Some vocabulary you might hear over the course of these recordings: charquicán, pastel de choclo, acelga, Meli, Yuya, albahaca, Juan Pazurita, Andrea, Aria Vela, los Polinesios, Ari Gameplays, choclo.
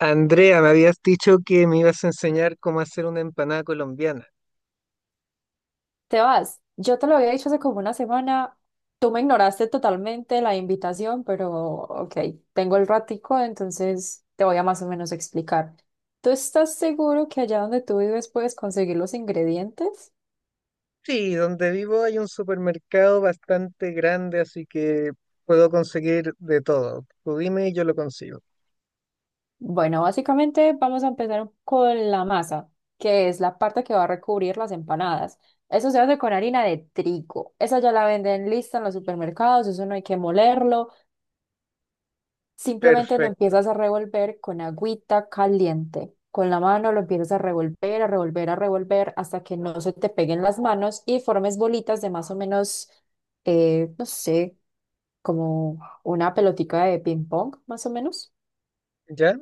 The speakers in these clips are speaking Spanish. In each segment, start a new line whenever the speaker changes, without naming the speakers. Andrea, me habías dicho que me ibas a enseñar cómo hacer una empanada colombiana.
Te vas, yo te lo había dicho hace como una semana, tú me ignoraste totalmente la invitación, pero ok, tengo el ratico, entonces te voy a más o menos explicar. ¿Tú estás seguro que allá donde tú vives puedes conseguir los ingredientes?
Sí, donde vivo hay un supermercado bastante grande, así que puedo conseguir de todo. Tú dime y yo lo consigo.
Bueno, básicamente vamos a empezar con la masa, que es la parte que va a recubrir las empanadas. Eso se hace con harina de trigo. Esa ya la venden lista en los supermercados, eso no hay que molerlo. Simplemente lo
Perfecto,
empiezas a revolver con agüita caliente. Con la mano lo empiezas a revolver, a revolver, a revolver hasta que no se te peguen las manos y formes bolitas de más o menos, no sé, como una pelotica de ping pong, más o menos.
¿ya?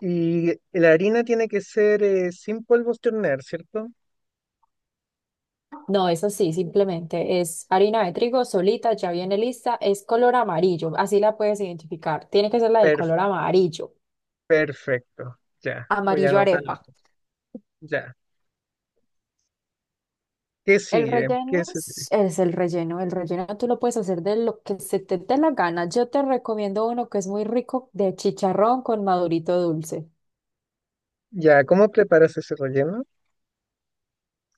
Y la harina tiene que ser sin polvos de hornear, ¿cierto?
No, es así, simplemente es harina de trigo solita, ya viene lista, es color amarillo, así la puedes identificar. Tiene que ser la de
Per-
color amarillo,
perfecto, ya, voy a
amarillo
anotarlo.
arepa.
Ya, ¿qué
El
sigue? ¿Qué
relleno
se sigue?
es el relleno. El relleno tú lo puedes hacer de lo que se te dé la gana. Yo te recomiendo uno que es muy rico de chicharrón con madurito dulce.
Ya, ¿cómo preparas ese relleno?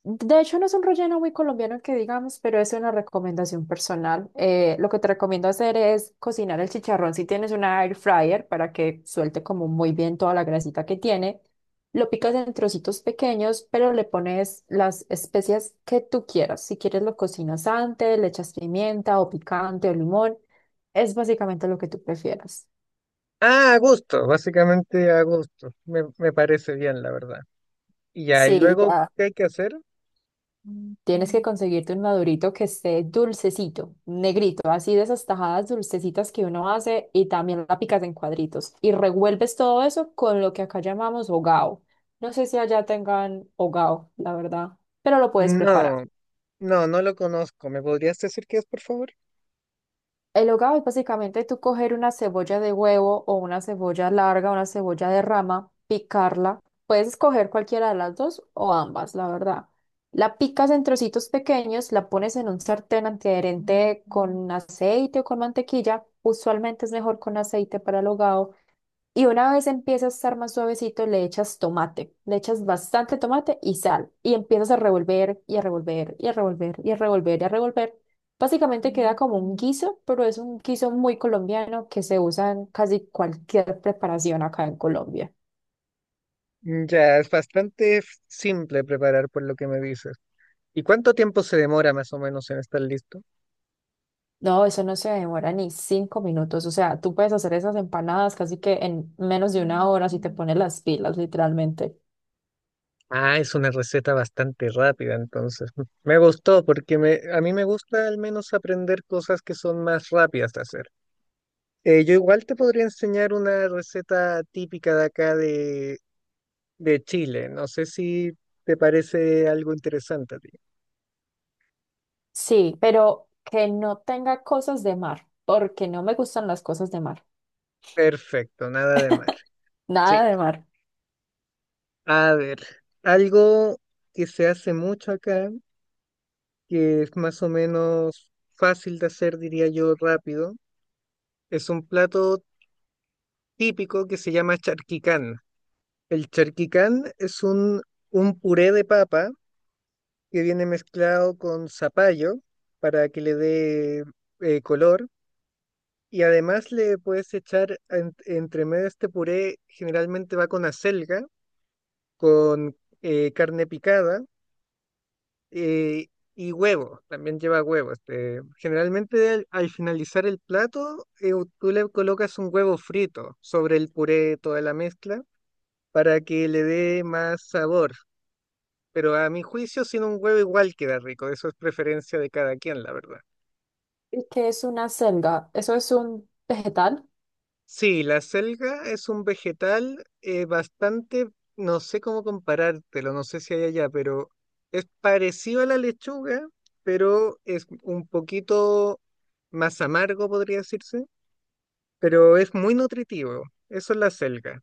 De hecho, no es un relleno muy colombiano que digamos, pero es una recomendación personal. Lo que te recomiendo hacer es cocinar el chicharrón si tienes una air fryer para que suelte como muy bien toda la grasita que tiene. Lo picas en trocitos pequeños, pero le pones las especias que tú quieras. Si quieres lo cocinas antes, le echas pimienta o picante o limón. Es básicamente lo que tú prefieras.
Ah, a gusto, básicamente a gusto. Me parece bien, la verdad. Y ya, y
Sí,
luego,
ya.
¿qué hay que hacer?
Tienes que conseguirte un madurito que esté dulcecito, negrito, así de esas tajadas dulcecitas que uno hace y también la picas en cuadritos. Y revuelves todo eso con lo que acá llamamos hogao. No sé si allá tengan hogao, la verdad, pero lo puedes preparar.
No, no, no lo conozco. ¿Me podrías decir qué es, por favor?
El hogao es básicamente tú coger una cebolla de huevo o una cebolla larga, una cebolla de rama, picarla. Puedes escoger cualquiera de las dos o ambas, la verdad. La picas en trocitos pequeños, la pones en un sartén antiadherente con aceite o con mantequilla. Usualmente es mejor con aceite para el hogao. Y una vez empieza a estar más suavecito, le echas tomate, le echas bastante tomate y sal. Y empiezas a revolver y a revolver y a revolver y a revolver y a revolver. Básicamente queda como un guiso, pero es un guiso muy colombiano que se usa en casi cualquier preparación acá en Colombia.
Ya, es bastante simple preparar por lo que me dices. ¿Y cuánto tiempo se demora más o menos en estar listo?
No, eso no se demora ni 5 minutos. O sea, tú puedes hacer esas empanadas casi que en menos de una hora si te pones las pilas, literalmente.
Ah, es una receta bastante rápida, entonces. Me gustó porque a mí me gusta al menos aprender cosas que son más rápidas de hacer. Yo igual te podría enseñar una receta típica de acá de Chile. No sé si te parece algo interesante a ti.
Sí, pero que no tenga cosas de mar, porque no me gustan las cosas de mar.
Perfecto, nada de mar. Sí.
Nada de mar.
A ver, algo que se hace mucho acá, que es más o menos fácil de hacer, diría yo, rápido, es un plato típico que se llama charquicán. El charquicán es un puré de papa que viene mezclado con zapallo para que le dé color. Y además le puedes echar entre medio de este puré, generalmente va con acelga, con carne picada eh, y huevo, también lleva huevo. Este, generalmente al finalizar el plato, tú le colocas un huevo frito sobre el puré, toda la mezcla, para que le dé más sabor. Pero a mi juicio, sin un huevo igual queda rico. Eso es preferencia de cada quien, la verdad.
¿Y qué es una selga? Eso es un vegetal.
Sí, la selga es un vegetal bastante, no sé cómo comparártelo, no sé si hay allá, pero es parecido a la lechuga, pero es un poquito más amargo, podría decirse, pero es muy nutritivo. Eso es la selga,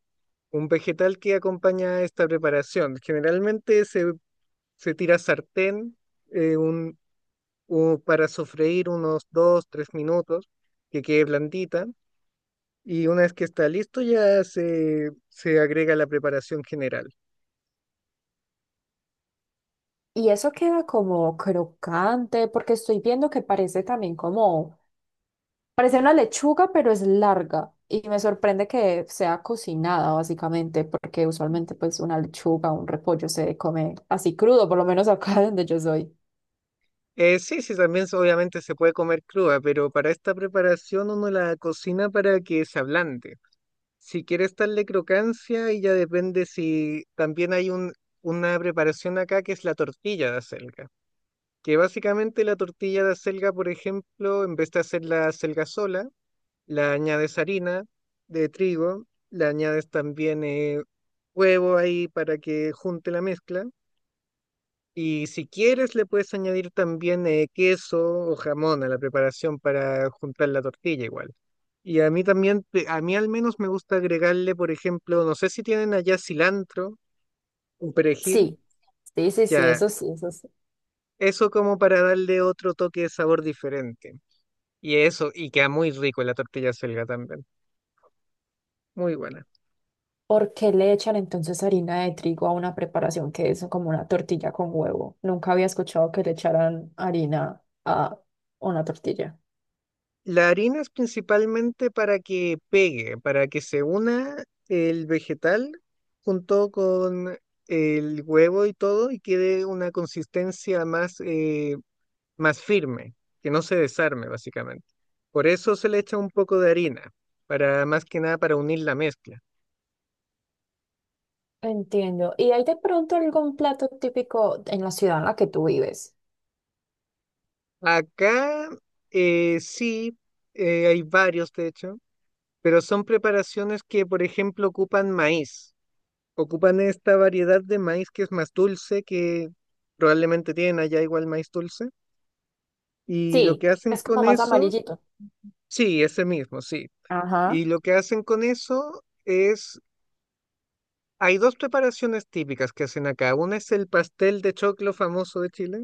un vegetal que acompaña esta preparación. Generalmente se tira a sartén eh, un, para sofreír unos dos, tres minutos, que quede blandita y una vez que está listo, se agrega la preparación general.
Y eso queda como crocante, porque estoy viendo que parece también como, parece una lechuga, pero es larga. Y me sorprende que sea cocinada, básicamente, porque usualmente pues una lechuga, un repollo se come así crudo, por lo menos acá donde yo soy.
Sí, sí, también obviamente se puede comer cruda, pero para esta preparación uno la cocina para que se ablande. Si quieres darle crocancia, y ya depende si también hay una preparación acá que es la tortilla de acelga. Que básicamente la tortilla de acelga, por ejemplo, en vez de hacer la acelga sola, la añades harina de trigo, le añades también huevo ahí para que junte la mezcla. Y si quieres, le puedes añadir también queso o jamón a la preparación para juntar la tortilla igual. Y a mí también, a mí al menos me gusta agregarle, por ejemplo, no sé si tienen allá cilantro, un perejil,
Sí, sí, sí, sí,
ya,
eso sí, eso sí.
eso como para darle otro toque de sabor diferente. Y eso, y queda muy rico la tortilla selga también, muy buena.
¿Por qué le echan entonces harina de trigo a una preparación que es como una tortilla con huevo? Nunca había escuchado que le echaran harina a una tortilla.
La harina es principalmente para que pegue, para que se una el vegetal junto con el huevo y todo y quede una consistencia más, más firme, que no se desarme básicamente. Por eso se le echa un poco de harina, para más que nada para unir la mezcla.
Entiendo. ¿Y hay de pronto algún plato típico en la ciudad en la que tú vives?
Acá sí, hay varios de hecho, pero son preparaciones que, por ejemplo, ocupan maíz. Ocupan esta variedad de maíz que es más dulce, que probablemente tienen allá igual maíz dulce. Y lo
Sí,
que hacen
es como
con
más
eso,
amarillito.
sí, ese mismo, sí.
Ajá,
Y lo que hacen con eso es, hay dos preparaciones típicas que hacen acá. Una es el pastel de choclo famoso de Chile,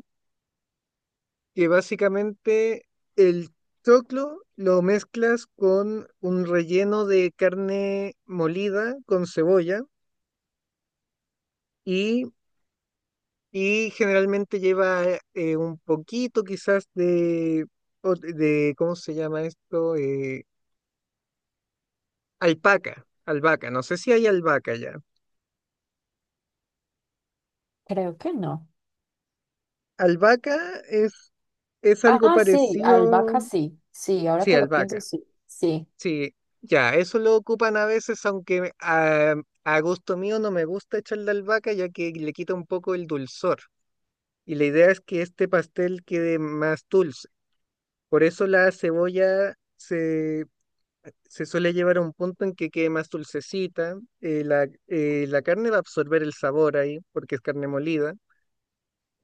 que básicamente el choclo lo mezclas con un relleno de carne molida con cebolla. y Y generalmente lleva un poquito quizás ¿cómo se llama esto? Alpaca, albahaca, no sé si hay albahaca ya.
creo que no.
Albahaca es algo
Ah, sí,
parecido,
albahaca sí. Sí, ahora
sí,
que lo pienso,
albahaca,
sí. Sí.
sí, ya, eso lo ocupan a veces, aunque a gusto mío no me gusta echarle albahaca ya que le quita un poco el dulzor. Y la idea es que este pastel quede más dulce. Por eso la cebolla se suele llevar a un punto en que quede más dulcecita, la carne va a absorber el sabor ahí, porque es carne molida,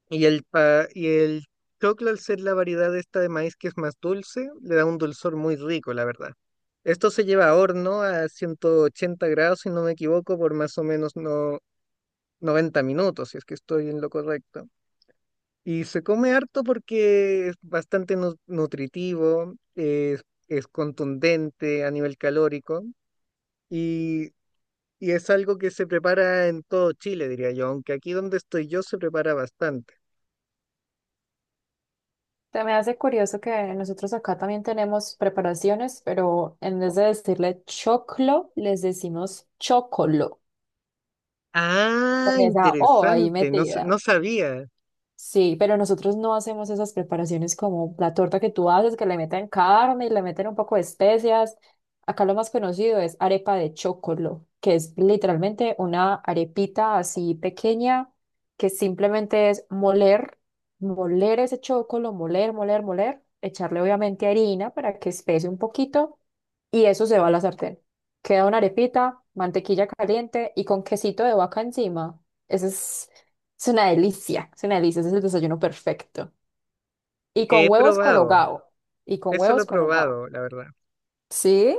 y el choclo al ser la variedad esta de maíz que es más dulce, le da un dulzor muy rico, la verdad. Esto se lleva a horno a 180 grados, si no me equivoco, por más o menos no, 90 minutos, si es que estoy en lo correcto. Y se come harto porque es bastante nutritivo, es contundente a nivel calórico. Y y es algo que se prepara en todo Chile, diría yo, aunque aquí donde estoy yo se prepara bastante.
Se me hace curioso que nosotros acá también tenemos preparaciones, pero en vez de decirle choclo, les decimos chocolo.
Ah,
Con esa O ahí
interesante, no,
metida.
no sabía.
Sí, pero nosotros no hacemos esas preparaciones como la torta que tú haces, que le meten carne y le meten un poco de especias. Acá lo más conocido es arepa de chocolo, que es literalmente una arepita así pequeña que simplemente es moler, moler ese chocolo, moler, moler, moler, echarle obviamente harina para que espese un poquito y eso se va a la sartén. Queda una arepita, mantequilla caliente y con quesito de vaca encima. Ese es una delicia, ese es el desayuno perfecto. Y con
He
huevos con
probado,
hogao. Y con
eso lo
huevos
he
con hogao.
probado, la verdad.
Sí,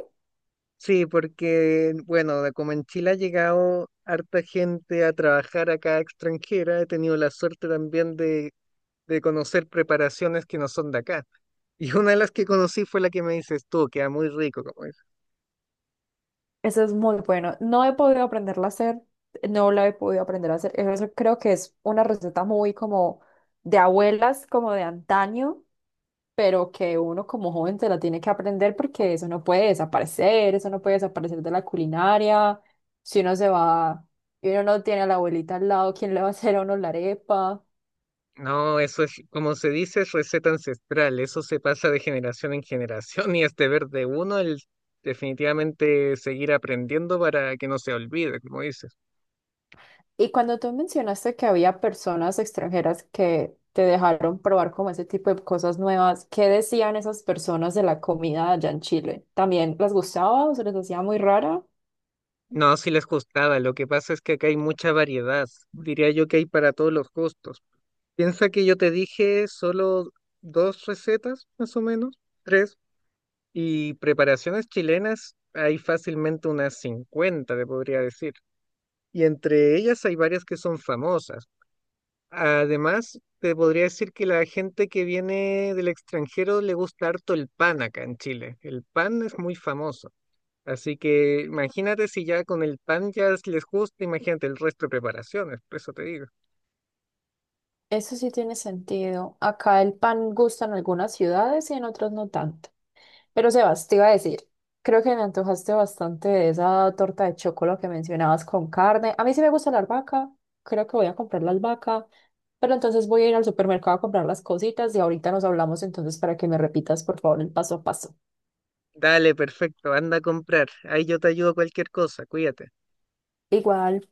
Sí, porque, bueno, de como en Chile ha llegado harta gente a trabajar acá extranjera, he tenido la suerte también de conocer preparaciones que no son de acá. Y una de las que conocí fue la que me dices tú, queda muy rico, como
eso es muy bueno. No he podido aprenderla a hacer, no la he podido aprender a hacer. Eso creo que es una receta muy como de abuelas, como de antaño, pero que uno como joven se la tiene que aprender porque eso no puede desaparecer, eso no puede desaparecer de la culinaria. Si uno se va y uno no tiene a la abuelita al lado, ¿quién le va a hacer a uno la arepa?
no, eso es, como se dice, es receta ancestral. Eso se pasa de generación en generación y es deber de uno el definitivamente seguir aprendiendo para que no se olvide, como dices.
Y cuando tú mencionaste que había personas extranjeras que te dejaron probar como ese tipo de cosas nuevas, ¿qué decían esas personas de la comida allá en Chile? ¿También les gustaba o se les hacía muy rara?
No, si les gustaba. Lo que pasa es que acá hay mucha variedad. Diría yo que hay para todos los gustos. Piensa que yo te dije solo dos recetas, más o menos, tres. Y preparaciones chilenas hay fácilmente unas 50 te podría decir. Y entre ellas hay varias que son famosas. Además, te podría decir que la gente que viene del extranjero le gusta harto el pan acá en Chile. El pan es muy famoso. Así que imagínate si ya con el pan ya les gusta, imagínate el resto de preparaciones, por eso te digo.
Eso sí tiene sentido. Acá el pan gusta en algunas ciudades y en otras no tanto. Pero Sebas, te iba a decir, creo que me antojaste bastante de esa torta de chocolate que mencionabas con carne. A mí sí me gusta la albahaca, creo que voy a comprar la albahaca, pero entonces voy a ir al supermercado a comprar las cositas y ahorita nos hablamos entonces para que me repitas por favor el paso a paso.
Dale, perfecto, anda a comprar. Ahí yo te ayudo cualquier cosa, cuídate.
Igual.